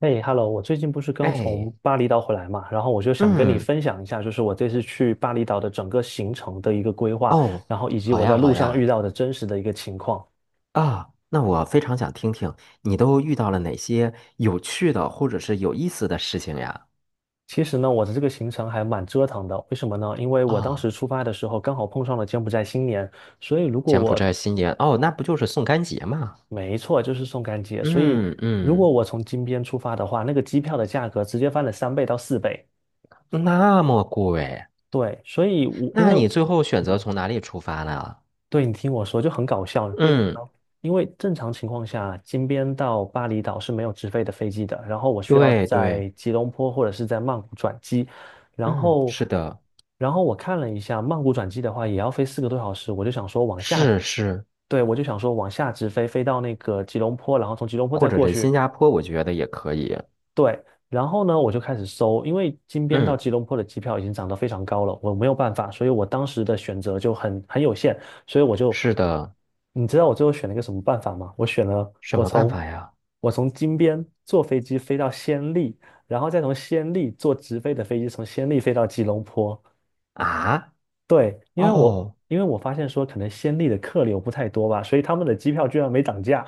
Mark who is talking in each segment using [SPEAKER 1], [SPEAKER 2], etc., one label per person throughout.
[SPEAKER 1] 哎，Hello，我最近不是刚
[SPEAKER 2] 哎，
[SPEAKER 1] 从巴厘岛回来嘛，然后我就想跟你
[SPEAKER 2] 嗯，
[SPEAKER 1] 分享一下，就是我这次去巴厘岛的整个行程的一个规划，
[SPEAKER 2] 哦，
[SPEAKER 1] 然后以及
[SPEAKER 2] 好
[SPEAKER 1] 我在
[SPEAKER 2] 呀，
[SPEAKER 1] 路
[SPEAKER 2] 好
[SPEAKER 1] 上遇
[SPEAKER 2] 呀，
[SPEAKER 1] 到的真实的一个情况。
[SPEAKER 2] 啊，那我非常想听听你都遇到了哪些有趣的或者是有意思的事情呀？
[SPEAKER 1] 其实呢，我的这个行程还蛮折腾的，为什么呢？因为我当
[SPEAKER 2] 啊，
[SPEAKER 1] 时出发的时候刚好碰上了柬埔寨新年，所以如果
[SPEAKER 2] 柬埔
[SPEAKER 1] 我
[SPEAKER 2] 寨新年，哦，那不就是送干节吗？
[SPEAKER 1] 没错就是宋干节，所以
[SPEAKER 2] 嗯
[SPEAKER 1] 如果
[SPEAKER 2] 嗯，
[SPEAKER 1] 我从金边出发的话，那个机票的价格直接翻了3倍到4倍。
[SPEAKER 2] 那么贵，
[SPEAKER 1] 对，所以我因
[SPEAKER 2] 那
[SPEAKER 1] 为
[SPEAKER 2] 你最后选择
[SPEAKER 1] 嗯
[SPEAKER 2] 从哪里出发呢？
[SPEAKER 1] 对，你听我说，就很搞笑，为什么
[SPEAKER 2] 嗯，
[SPEAKER 1] 呢？因为正常情况下，金边到巴厘岛是没有直飞的飞机的，然后我需要
[SPEAKER 2] 对对，
[SPEAKER 1] 在吉隆坡或者是在曼谷转机，然
[SPEAKER 2] 嗯，
[SPEAKER 1] 后，
[SPEAKER 2] 是的，
[SPEAKER 1] 然后我看了一下，曼谷转机的话也要飞4个多小时，我就想说往下，
[SPEAKER 2] 是是，
[SPEAKER 1] 对，我就想说往下直飞，飞到那个吉隆坡，然后从吉隆坡
[SPEAKER 2] 或
[SPEAKER 1] 再
[SPEAKER 2] 者
[SPEAKER 1] 过
[SPEAKER 2] 是新
[SPEAKER 1] 去，
[SPEAKER 2] 加坡，我觉得也可以。
[SPEAKER 1] 对，然后呢，我就开始搜，因为金边到
[SPEAKER 2] 嗯，
[SPEAKER 1] 吉隆坡的机票已经涨得非常高了，我没有办法，所以我当时的选择就很有限，所以我就，
[SPEAKER 2] 是的，
[SPEAKER 1] 你知道我最后选了一个什么办法吗？我选了
[SPEAKER 2] 什
[SPEAKER 1] 我
[SPEAKER 2] 么办
[SPEAKER 1] 从
[SPEAKER 2] 法呀？
[SPEAKER 1] 我从金边坐飞机飞到暹粒，然后再从暹粒坐直飞的飞机从暹粒飞到吉隆坡。
[SPEAKER 2] 啊？
[SPEAKER 1] 对，
[SPEAKER 2] 哦。
[SPEAKER 1] 因为我发现说可能暹粒的客流不太多吧，所以他们的机票居然没涨价。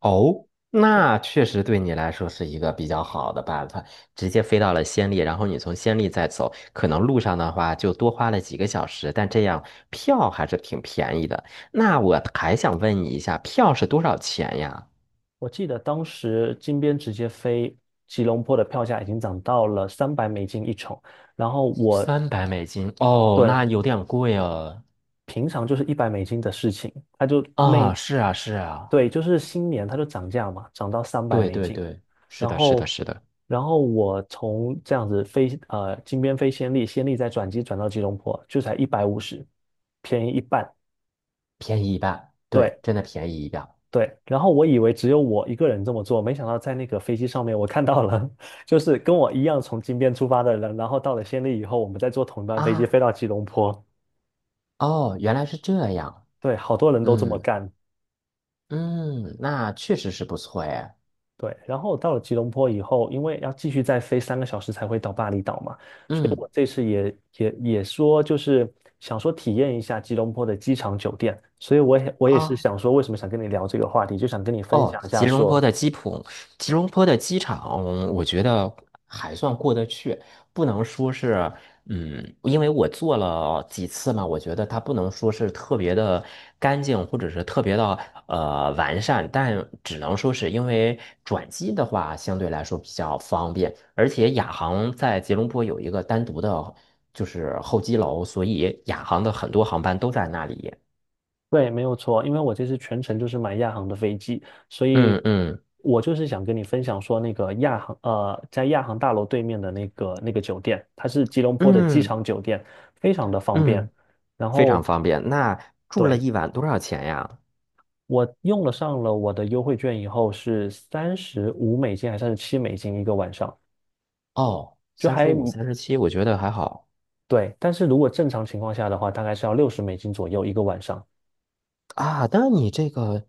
[SPEAKER 2] 哦，那确实对你来说是一个比较好的办法，直接飞到了暹粒，然后你从暹粒再走，可能路上的话就多花了几个小时，但这样票还是挺便宜的。那我还想问你一下，票是多少钱呀？
[SPEAKER 1] 我记得当时金边直接飞吉隆坡的票价已经涨到了三百美金一程，然后我
[SPEAKER 2] $300，哦，那
[SPEAKER 1] 对，
[SPEAKER 2] 有点贵哦。
[SPEAKER 1] 平常就是100美金的事情，它就那
[SPEAKER 2] 啊，是啊，是啊，
[SPEAKER 1] 对，就是新年它就涨价嘛，涨到三百
[SPEAKER 2] 对
[SPEAKER 1] 美
[SPEAKER 2] 对
[SPEAKER 1] 金，
[SPEAKER 2] 对，是
[SPEAKER 1] 然
[SPEAKER 2] 的，是的，
[SPEAKER 1] 后
[SPEAKER 2] 是的，
[SPEAKER 1] 然后我从这样子飞金边飞暹粒，暹粒再转机转到吉隆坡就才150，便宜一半。
[SPEAKER 2] 便宜一半，对，
[SPEAKER 1] 对，
[SPEAKER 2] 真的便宜一半
[SPEAKER 1] 对，然后我以为只有我一个人这么做，没想到在那个飞机上面我看到了，就是跟我一样从金边出发的人，然后到了暹粒以后，我们再坐同一班飞机飞
[SPEAKER 2] 啊。
[SPEAKER 1] 到吉隆坡。
[SPEAKER 2] 哦，原来是这样，
[SPEAKER 1] 对，好多人都这么
[SPEAKER 2] 嗯。
[SPEAKER 1] 干。
[SPEAKER 2] 嗯，那确实是不错哎。
[SPEAKER 1] 对，然后到了吉隆坡以后，因为要继续再飞3个小时才会到巴厘岛嘛，所以
[SPEAKER 2] 嗯
[SPEAKER 1] 我这次也说就是想说体验一下吉隆坡的机场酒店，所以我也是
[SPEAKER 2] 啊
[SPEAKER 1] 想说为什么想跟你聊这个话题，就想跟你分
[SPEAKER 2] 哦，
[SPEAKER 1] 享一下
[SPEAKER 2] 吉隆坡
[SPEAKER 1] 说
[SPEAKER 2] 的机普，吉隆坡的机场，我觉得还算过得去，不能说是嗯，因为我坐了几次嘛，我觉得它不能说是特别的干净，或者是特别的完善，但只能说是因为转机的话相对来说比较方便，而且亚航在吉隆坡有一个单独的。就是候机楼，所以亚航的很多航班都在那里。
[SPEAKER 1] 对，没有错，因为我这次全程就是买亚航的飞机，所以
[SPEAKER 2] 嗯嗯
[SPEAKER 1] 我就是想跟你分享说，那个亚航，在亚航大楼对面的那个酒店，它是吉隆坡的机
[SPEAKER 2] 嗯
[SPEAKER 1] 场酒店，非常的方便。
[SPEAKER 2] 嗯，
[SPEAKER 1] 然
[SPEAKER 2] 非
[SPEAKER 1] 后，
[SPEAKER 2] 常方便。那住了
[SPEAKER 1] 对，
[SPEAKER 2] 一晚多少钱呀？
[SPEAKER 1] 我用了上了我的优惠券以后是35美金还是37美金一个晚上，
[SPEAKER 2] 哦，
[SPEAKER 1] 就
[SPEAKER 2] 三十
[SPEAKER 1] 还
[SPEAKER 2] 五、37，我觉得还好
[SPEAKER 1] 对。但是如果正常情况下的话，大概是要60美金左右一个晚上。
[SPEAKER 2] 啊。那你这个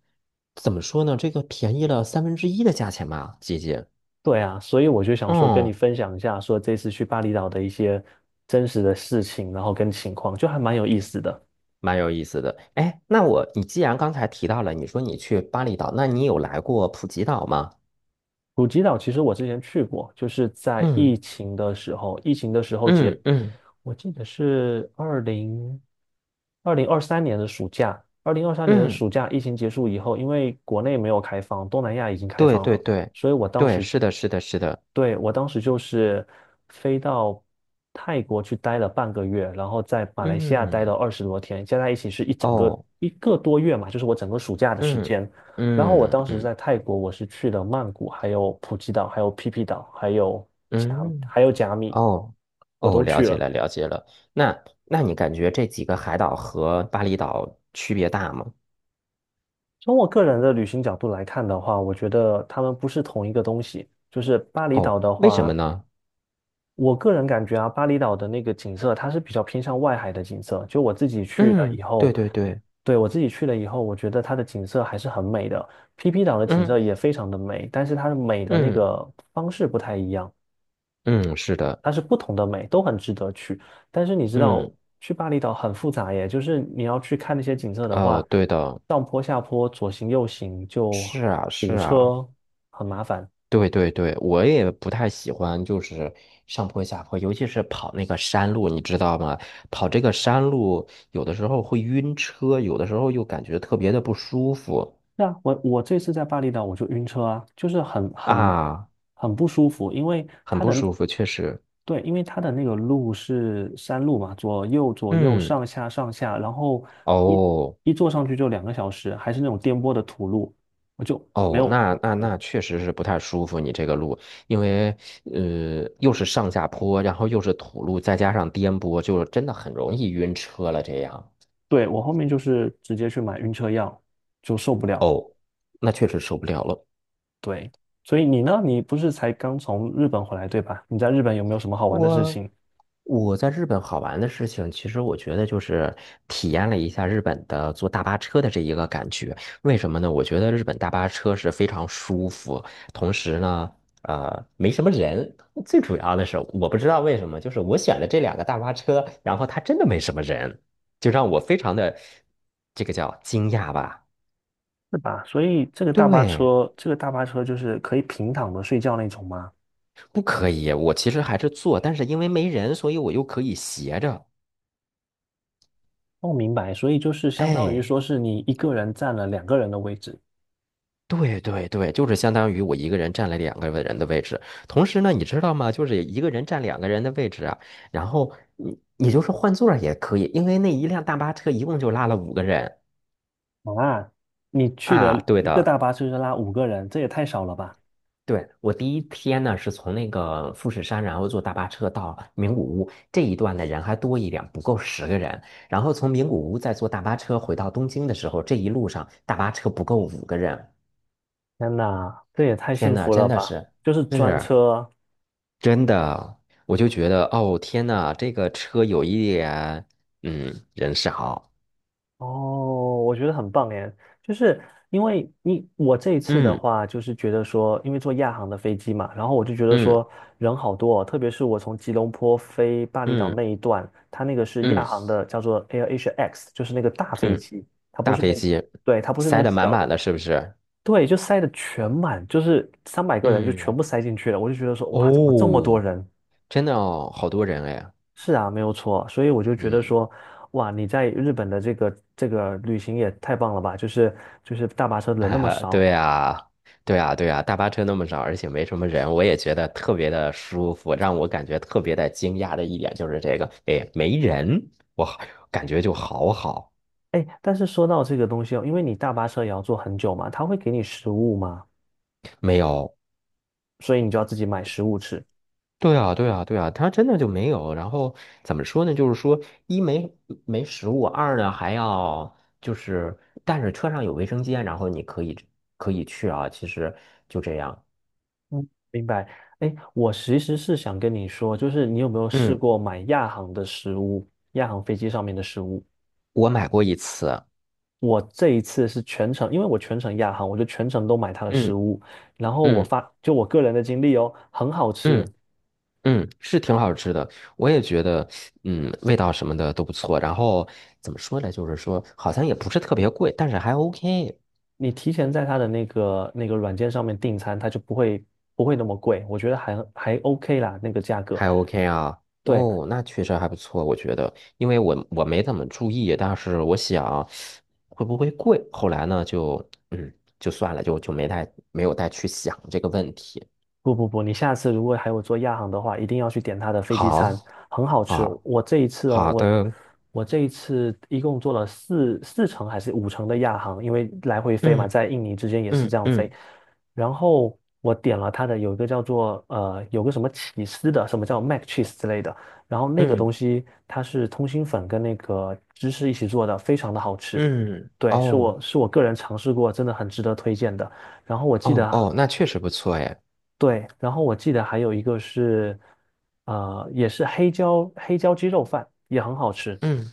[SPEAKER 2] 怎么说呢？这个便宜了三分之一的价钱吧，姐姐。
[SPEAKER 1] 对啊，所以我就想说跟你
[SPEAKER 2] 嗯，
[SPEAKER 1] 分享一下，说这次去巴厘岛的一些真实的事情，然后跟情况，就还蛮有意思的。
[SPEAKER 2] 蛮有意思的。哎，那我，你既然刚才提到了，你说你去巴厘岛，那你有来过普吉岛吗？
[SPEAKER 1] 普吉岛其实我之前去过，就是在
[SPEAKER 2] 嗯
[SPEAKER 1] 疫情的时候，疫情的时候结，
[SPEAKER 2] 嗯嗯
[SPEAKER 1] 我记得是二零二三年的暑假，二零二三年的
[SPEAKER 2] 嗯，
[SPEAKER 1] 暑假，疫情结束以后，因为国内没有开放，东南亚已经开
[SPEAKER 2] 对
[SPEAKER 1] 放
[SPEAKER 2] 对
[SPEAKER 1] 了，
[SPEAKER 2] 对
[SPEAKER 1] 所以我当
[SPEAKER 2] 对，
[SPEAKER 1] 时，
[SPEAKER 2] 是的，是的，是的。
[SPEAKER 1] 对，我当时就是飞到泰国去待了半个月，然后在马来西亚待了
[SPEAKER 2] 嗯，
[SPEAKER 1] 20多天，加在一起是一整个
[SPEAKER 2] 哦，
[SPEAKER 1] 一个多月嘛，就是我整个暑假的时
[SPEAKER 2] 嗯
[SPEAKER 1] 间。然后我
[SPEAKER 2] 嗯
[SPEAKER 1] 当时
[SPEAKER 2] 嗯
[SPEAKER 1] 在泰国，我是去了曼谷，还有普吉岛，还有皮皮岛，甲，
[SPEAKER 2] 嗯。
[SPEAKER 1] 还有甲米，
[SPEAKER 2] 哦，
[SPEAKER 1] 我
[SPEAKER 2] 哦，
[SPEAKER 1] 都
[SPEAKER 2] 了
[SPEAKER 1] 去
[SPEAKER 2] 解
[SPEAKER 1] 了。
[SPEAKER 2] 了，了解了。那那你感觉这几个海岛和巴厘岛区别大吗？
[SPEAKER 1] 从我个人的旅行角度来看的话，我觉得他们不是同一个东西。就是巴厘岛
[SPEAKER 2] 哦，
[SPEAKER 1] 的
[SPEAKER 2] 为什么
[SPEAKER 1] 话，
[SPEAKER 2] 呢？
[SPEAKER 1] 我个人感觉啊，巴厘岛的那个景色，它是比较偏向外海的景色。就我自己去了
[SPEAKER 2] 嗯，
[SPEAKER 1] 以
[SPEAKER 2] 对
[SPEAKER 1] 后，
[SPEAKER 2] 对对，
[SPEAKER 1] 对，我自己去了以后，我觉得它的景色还是很美的。PP 岛的景
[SPEAKER 2] 嗯
[SPEAKER 1] 色也非常的美，但是它的美的那
[SPEAKER 2] 嗯
[SPEAKER 1] 个方式不太一样。
[SPEAKER 2] 嗯，是的，
[SPEAKER 1] 它是不同的美，都很值得去。但是你知道，
[SPEAKER 2] 嗯
[SPEAKER 1] 去巴厘岛很复杂耶，就是你要去看那些景色的
[SPEAKER 2] 哦，
[SPEAKER 1] 话，
[SPEAKER 2] 对的，
[SPEAKER 1] 上坡下坡，左行右行就
[SPEAKER 2] 是啊是
[SPEAKER 1] 堵
[SPEAKER 2] 啊，
[SPEAKER 1] 车，很麻烦。
[SPEAKER 2] 对对对，我也不太喜欢就是上坡下坡，尤其是跑那个山路，你知道吗？跑这个山路有的时候会晕车，有的时候又感觉特别的不舒服
[SPEAKER 1] 那我这次在巴厘岛我就晕车啊，就是
[SPEAKER 2] 啊，
[SPEAKER 1] 很不舒服，因为
[SPEAKER 2] 很
[SPEAKER 1] 它
[SPEAKER 2] 不
[SPEAKER 1] 的
[SPEAKER 2] 舒服，确实。
[SPEAKER 1] 对，因为它的那个路是山路嘛，左右左右
[SPEAKER 2] 嗯。
[SPEAKER 1] 上下上下，然后一
[SPEAKER 2] 哦
[SPEAKER 1] 一坐上去就2个小时，还是那种颠簸的土路，我就没
[SPEAKER 2] 哦，
[SPEAKER 1] 有。
[SPEAKER 2] 那那
[SPEAKER 1] 对。
[SPEAKER 2] 那确实是不太舒服，你这个路，因为又是上下坡，然后又是土路，再加上颠簸，就真的很容易晕车了。这样，
[SPEAKER 1] 对，我后面就是直接去买晕车药，就受不了。
[SPEAKER 2] 哦，那确实受不了了。
[SPEAKER 1] 对，所以你呢？你不是才刚从日本回来，对吧？你在日本有没有什么好玩的事
[SPEAKER 2] 我
[SPEAKER 1] 情？
[SPEAKER 2] 我在日本好玩的事情，其实我觉得就是体验了一下日本的坐大巴车的这一个感觉。为什么呢？我觉得日本大巴车是非常舒服，同时呢，没什么人。最主要的是，我不知道为什么，就是我选的这两个大巴车，然后它真的没什么人，就让我非常的这个叫惊讶吧。
[SPEAKER 1] 是吧？所以这个大巴
[SPEAKER 2] 对，
[SPEAKER 1] 车，就是可以平躺着睡觉那种吗？
[SPEAKER 2] 不可以，我其实还是坐，但是因为没人，所以我又可以斜着。
[SPEAKER 1] 哦，明白。所以就是相当于
[SPEAKER 2] 哎。
[SPEAKER 1] 说是你一个人占了两个人的位置
[SPEAKER 2] 对对对，就是相当于我一个人占了两个人的位置。同时呢，你知道吗？就是一个人占两个人的位置啊。然后你就是换座儿也可以，因为那一辆大巴车一共就拉了五个人
[SPEAKER 1] 啊。你去
[SPEAKER 2] 啊。
[SPEAKER 1] 的
[SPEAKER 2] 对
[SPEAKER 1] 一个大
[SPEAKER 2] 的，
[SPEAKER 1] 巴车就拉5个人，这也太少了吧？
[SPEAKER 2] 对，我第一天呢是从那个富士山，然后坐大巴车到名古屋这一段的人还多一点，不够10个人。然后从名古屋再坐大巴车回到东京的时候，这一路上大巴车不够五个人。
[SPEAKER 1] 天哪，这也太
[SPEAKER 2] 天
[SPEAKER 1] 幸
[SPEAKER 2] 呐，
[SPEAKER 1] 福
[SPEAKER 2] 真
[SPEAKER 1] 了
[SPEAKER 2] 的
[SPEAKER 1] 吧！
[SPEAKER 2] 是
[SPEAKER 1] 就是专
[SPEAKER 2] 是。
[SPEAKER 1] 车，
[SPEAKER 2] 真的，我就觉得哦，天呐，这个车有一点，嗯，人少，
[SPEAKER 1] 哦，我觉得很棒哎，就是因为你我这一次的
[SPEAKER 2] 嗯
[SPEAKER 1] 话，就是觉得说，因为坐亚航的飞机嘛，然后我就觉得
[SPEAKER 2] 嗯
[SPEAKER 1] 说人好多哦，特别是我从吉隆坡飞巴厘岛
[SPEAKER 2] 嗯
[SPEAKER 1] 那一段，它那个是亚
[SPEAKER 2] 嗯
[SPEAKER 1] 航的，叫做 AirAsia X，就是那个大飞
[SPEAKER 2] 嗯，
[SPEAKER 1] 机，它不
[SPEAKER 2] 大
[SPEAKER 1] 是
[SPEAKER 2] 飞
[SPEAKER 1] 那，
[SPEAKER 2] 机
[SPEAKER 1] 对，它不是那
[SPEAKER 2] 塞
[SPEAKER 1] 个
[SPEAKER 2] 得满
[SPEAKER 1] 小
[SPEAKER 2] 满
[SPEAKER 1] 的，
[SPEAKER 2] 的，是不是？
[SPEAKER 1] 对，就塞的全满，就是300个人就全
[SPEAKER 2] 嗯，
[SPEAKER 1] 部塞进去了，我就觉得说，哇，怎么这么
[SPEAKER 2] 哦，
[SPEAKER 1] 多人？
[SPEAKER 2] 真的哦，好多人哎，
[SPEAKER 1] 是啊，没有错，所以我就觉得
[SPEAKER 2] 嗯，
[SPEAKER 1] 说，哇，你在日本的这个旅行也太棒了吧！就是大巴车 人
[SPEAKER 2] 哈
[SPEAKER 1] 那么
[SPEAKER 2] 哈，
[SPEAKER 1] 少，
[SPEAKER 2] 对啊，对啊，对啊，大巴车那么少，而且没什么人，我也觉得特别的舒服，让我感觉特别的惊讶的一点就是这个，哎，没人，我感觉就好好。
[SPEAKER 1] 哎，但是说到这个东西哦，因为你大巴车也要坐很久嘛，他会给你食物嘛，
[SPEAKER 2] 没有，
[SPEAKER 1] 所以你就要自己买食物吃。
[SPEAKER 2] 对啊，对啊，对啊，它真的就没有。然后怎么说呢？就是说，一没没食物，二呢还要就是，但是车上有卫生间，然后你可以可以去啊。其实就这样。
[SPEAKER 1] 嗯，明白。哎，我其实是想跟你说，就是你有没有试
[SPEAKER 2] 嗯，
[SPEAKER 1] 过买亚航的食物，亚航飞机上面的食物？
[SPEAKER 2] 我买过一次。
[SPEAKER 1] 我这一次是全程，因为我全程亚航，我就全程都买它的食
[SPEAKER 2] 嗯
[SPEAKER 1] 物，然后我
[SPEAKER 2] 嗯
[SPEAKER 1] 发，就我个人的经历哦，很好吃。
[SPEAKER 2] 嗯嗯，是挺好吃的，我也觉得，嗯，味道什么的都不错。然后怎么说呢？就是说，好像也不是特别贵，但是还 OK。
[SPEAKER 1] 你提前在他的那个软件上面订餐，他就不会那么贵，我觉得还 OK 啦，那个价格。
[SPEAKER 2] 还 OK 啊，
[SPEAKER 1] 对，
[SPEAKER 2] 哦，那确实还不错，我觉得，因为我没怎么注意，但是我想会不会贵，后来呢就嗯就算了，就没有再去想这个问题。
[SPEAKER 1] 不不不，你下次如果还有做亚航的话，一定要去点它的飞机餐，
[SPEAKER 2] 好，
[SPEAKER 1] 很好吃。
[SPEAKER 2] 好，
[SPEAKER 1] 我这一次哦，
[SPEAKER 2] 好
[SPEAKER 1] 我
[SPEAKER 2] 的，
[SPEAKER 1] 我这一次一共做了四程还是五程的亚航，因为来回飞嘛，
[SPEAKER 2] 嗯
[SPEAKER 1] 在印尼之间也是
[SPEAKER 2] 嗯
[SPEAKER 1] 这样飞。
[SPEAKER 2] 嗯
[SPEAKER 1] 然后我点了它的有一个叫做有个什么起司的，什么叫 mac cheese 之类的，然后那个
[SPEAKER 2] 嗯
[SPEAKER 1] 东西它是通心粉跟那个芝士一起做的，非常的好吃。
[SPEAKER 2] 嗯，
[SPEAKER 1] 对，
[SPEAKER 2] 哦
[SPEAKER 1] 是我个人尝试过，真的很值得推荐的。然后我记
[SPEAKER 2] 哦
[SPEAKER 1] 得
[SPEAKER 2] 哦，那确实不错哎，
[SPEAKER 1] 对，然后我记得还有一个是，也是黑椒鸡肉饭，也很好吃。
[SPEAKER 2] 嗯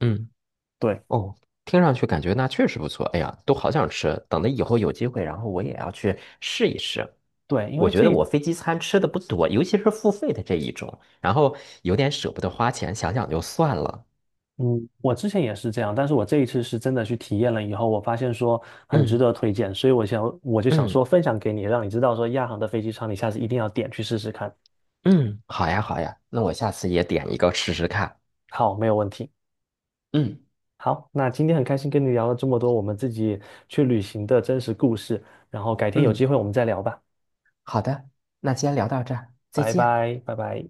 [SPEAKER 2] 嗯，
[SPEAKER 1] 对
[SPEAKER 2] 哦，听上去感觉那确实不错，哎呀，都好想吃，等着以后有机会，然后我也要去试一试。
[SPEAKER 1] 对，因
[SPEAKER 2] 我
[SPEAKER 1] 为
[SPEAKER 2] 觉
[SPEAKER 1] 这
[SPEAKER 2] 得
[SPEAKER 1] 一
[SPEAKER 2] 我飞机餐吃的不多，尤其是付费的这一种，然后有点舍不得花钱，想想就算了。
[SPEAKER 1] 嗯，我之前也是这样，但是我这一次是真的去体验了以后，我发现说很值
[SPEAKER 2] 嗯
[SPEAKER 1] 得推荐，所以我就想
[SPEAKER 2] 嗯
[SPEAKER 1] 说分享给你，让你知道说亚航的飞机餐你下次一定要点去试试看。
[SPEAKER 2] 嗯，好呀好呀，那我下次也点一个试试看。
[SPEAKER 1] 好，没有问题。
[SPEAKER 2] 嗯
[SPEAKER 1] 好，那今天很开心跟你聊了这么多我们自己去旅行的真实故事，然后改天有
[SPEAKER 2] 嗯，
[SPEAKER 1] 机会我们再聊吧，
[SPEAKER 2] 好的，那今天聊到这儿，再
[SPEAKER 1] 拜
[SPEAKER 2] 见。
[SPEAKER 1] 拜，拜拜。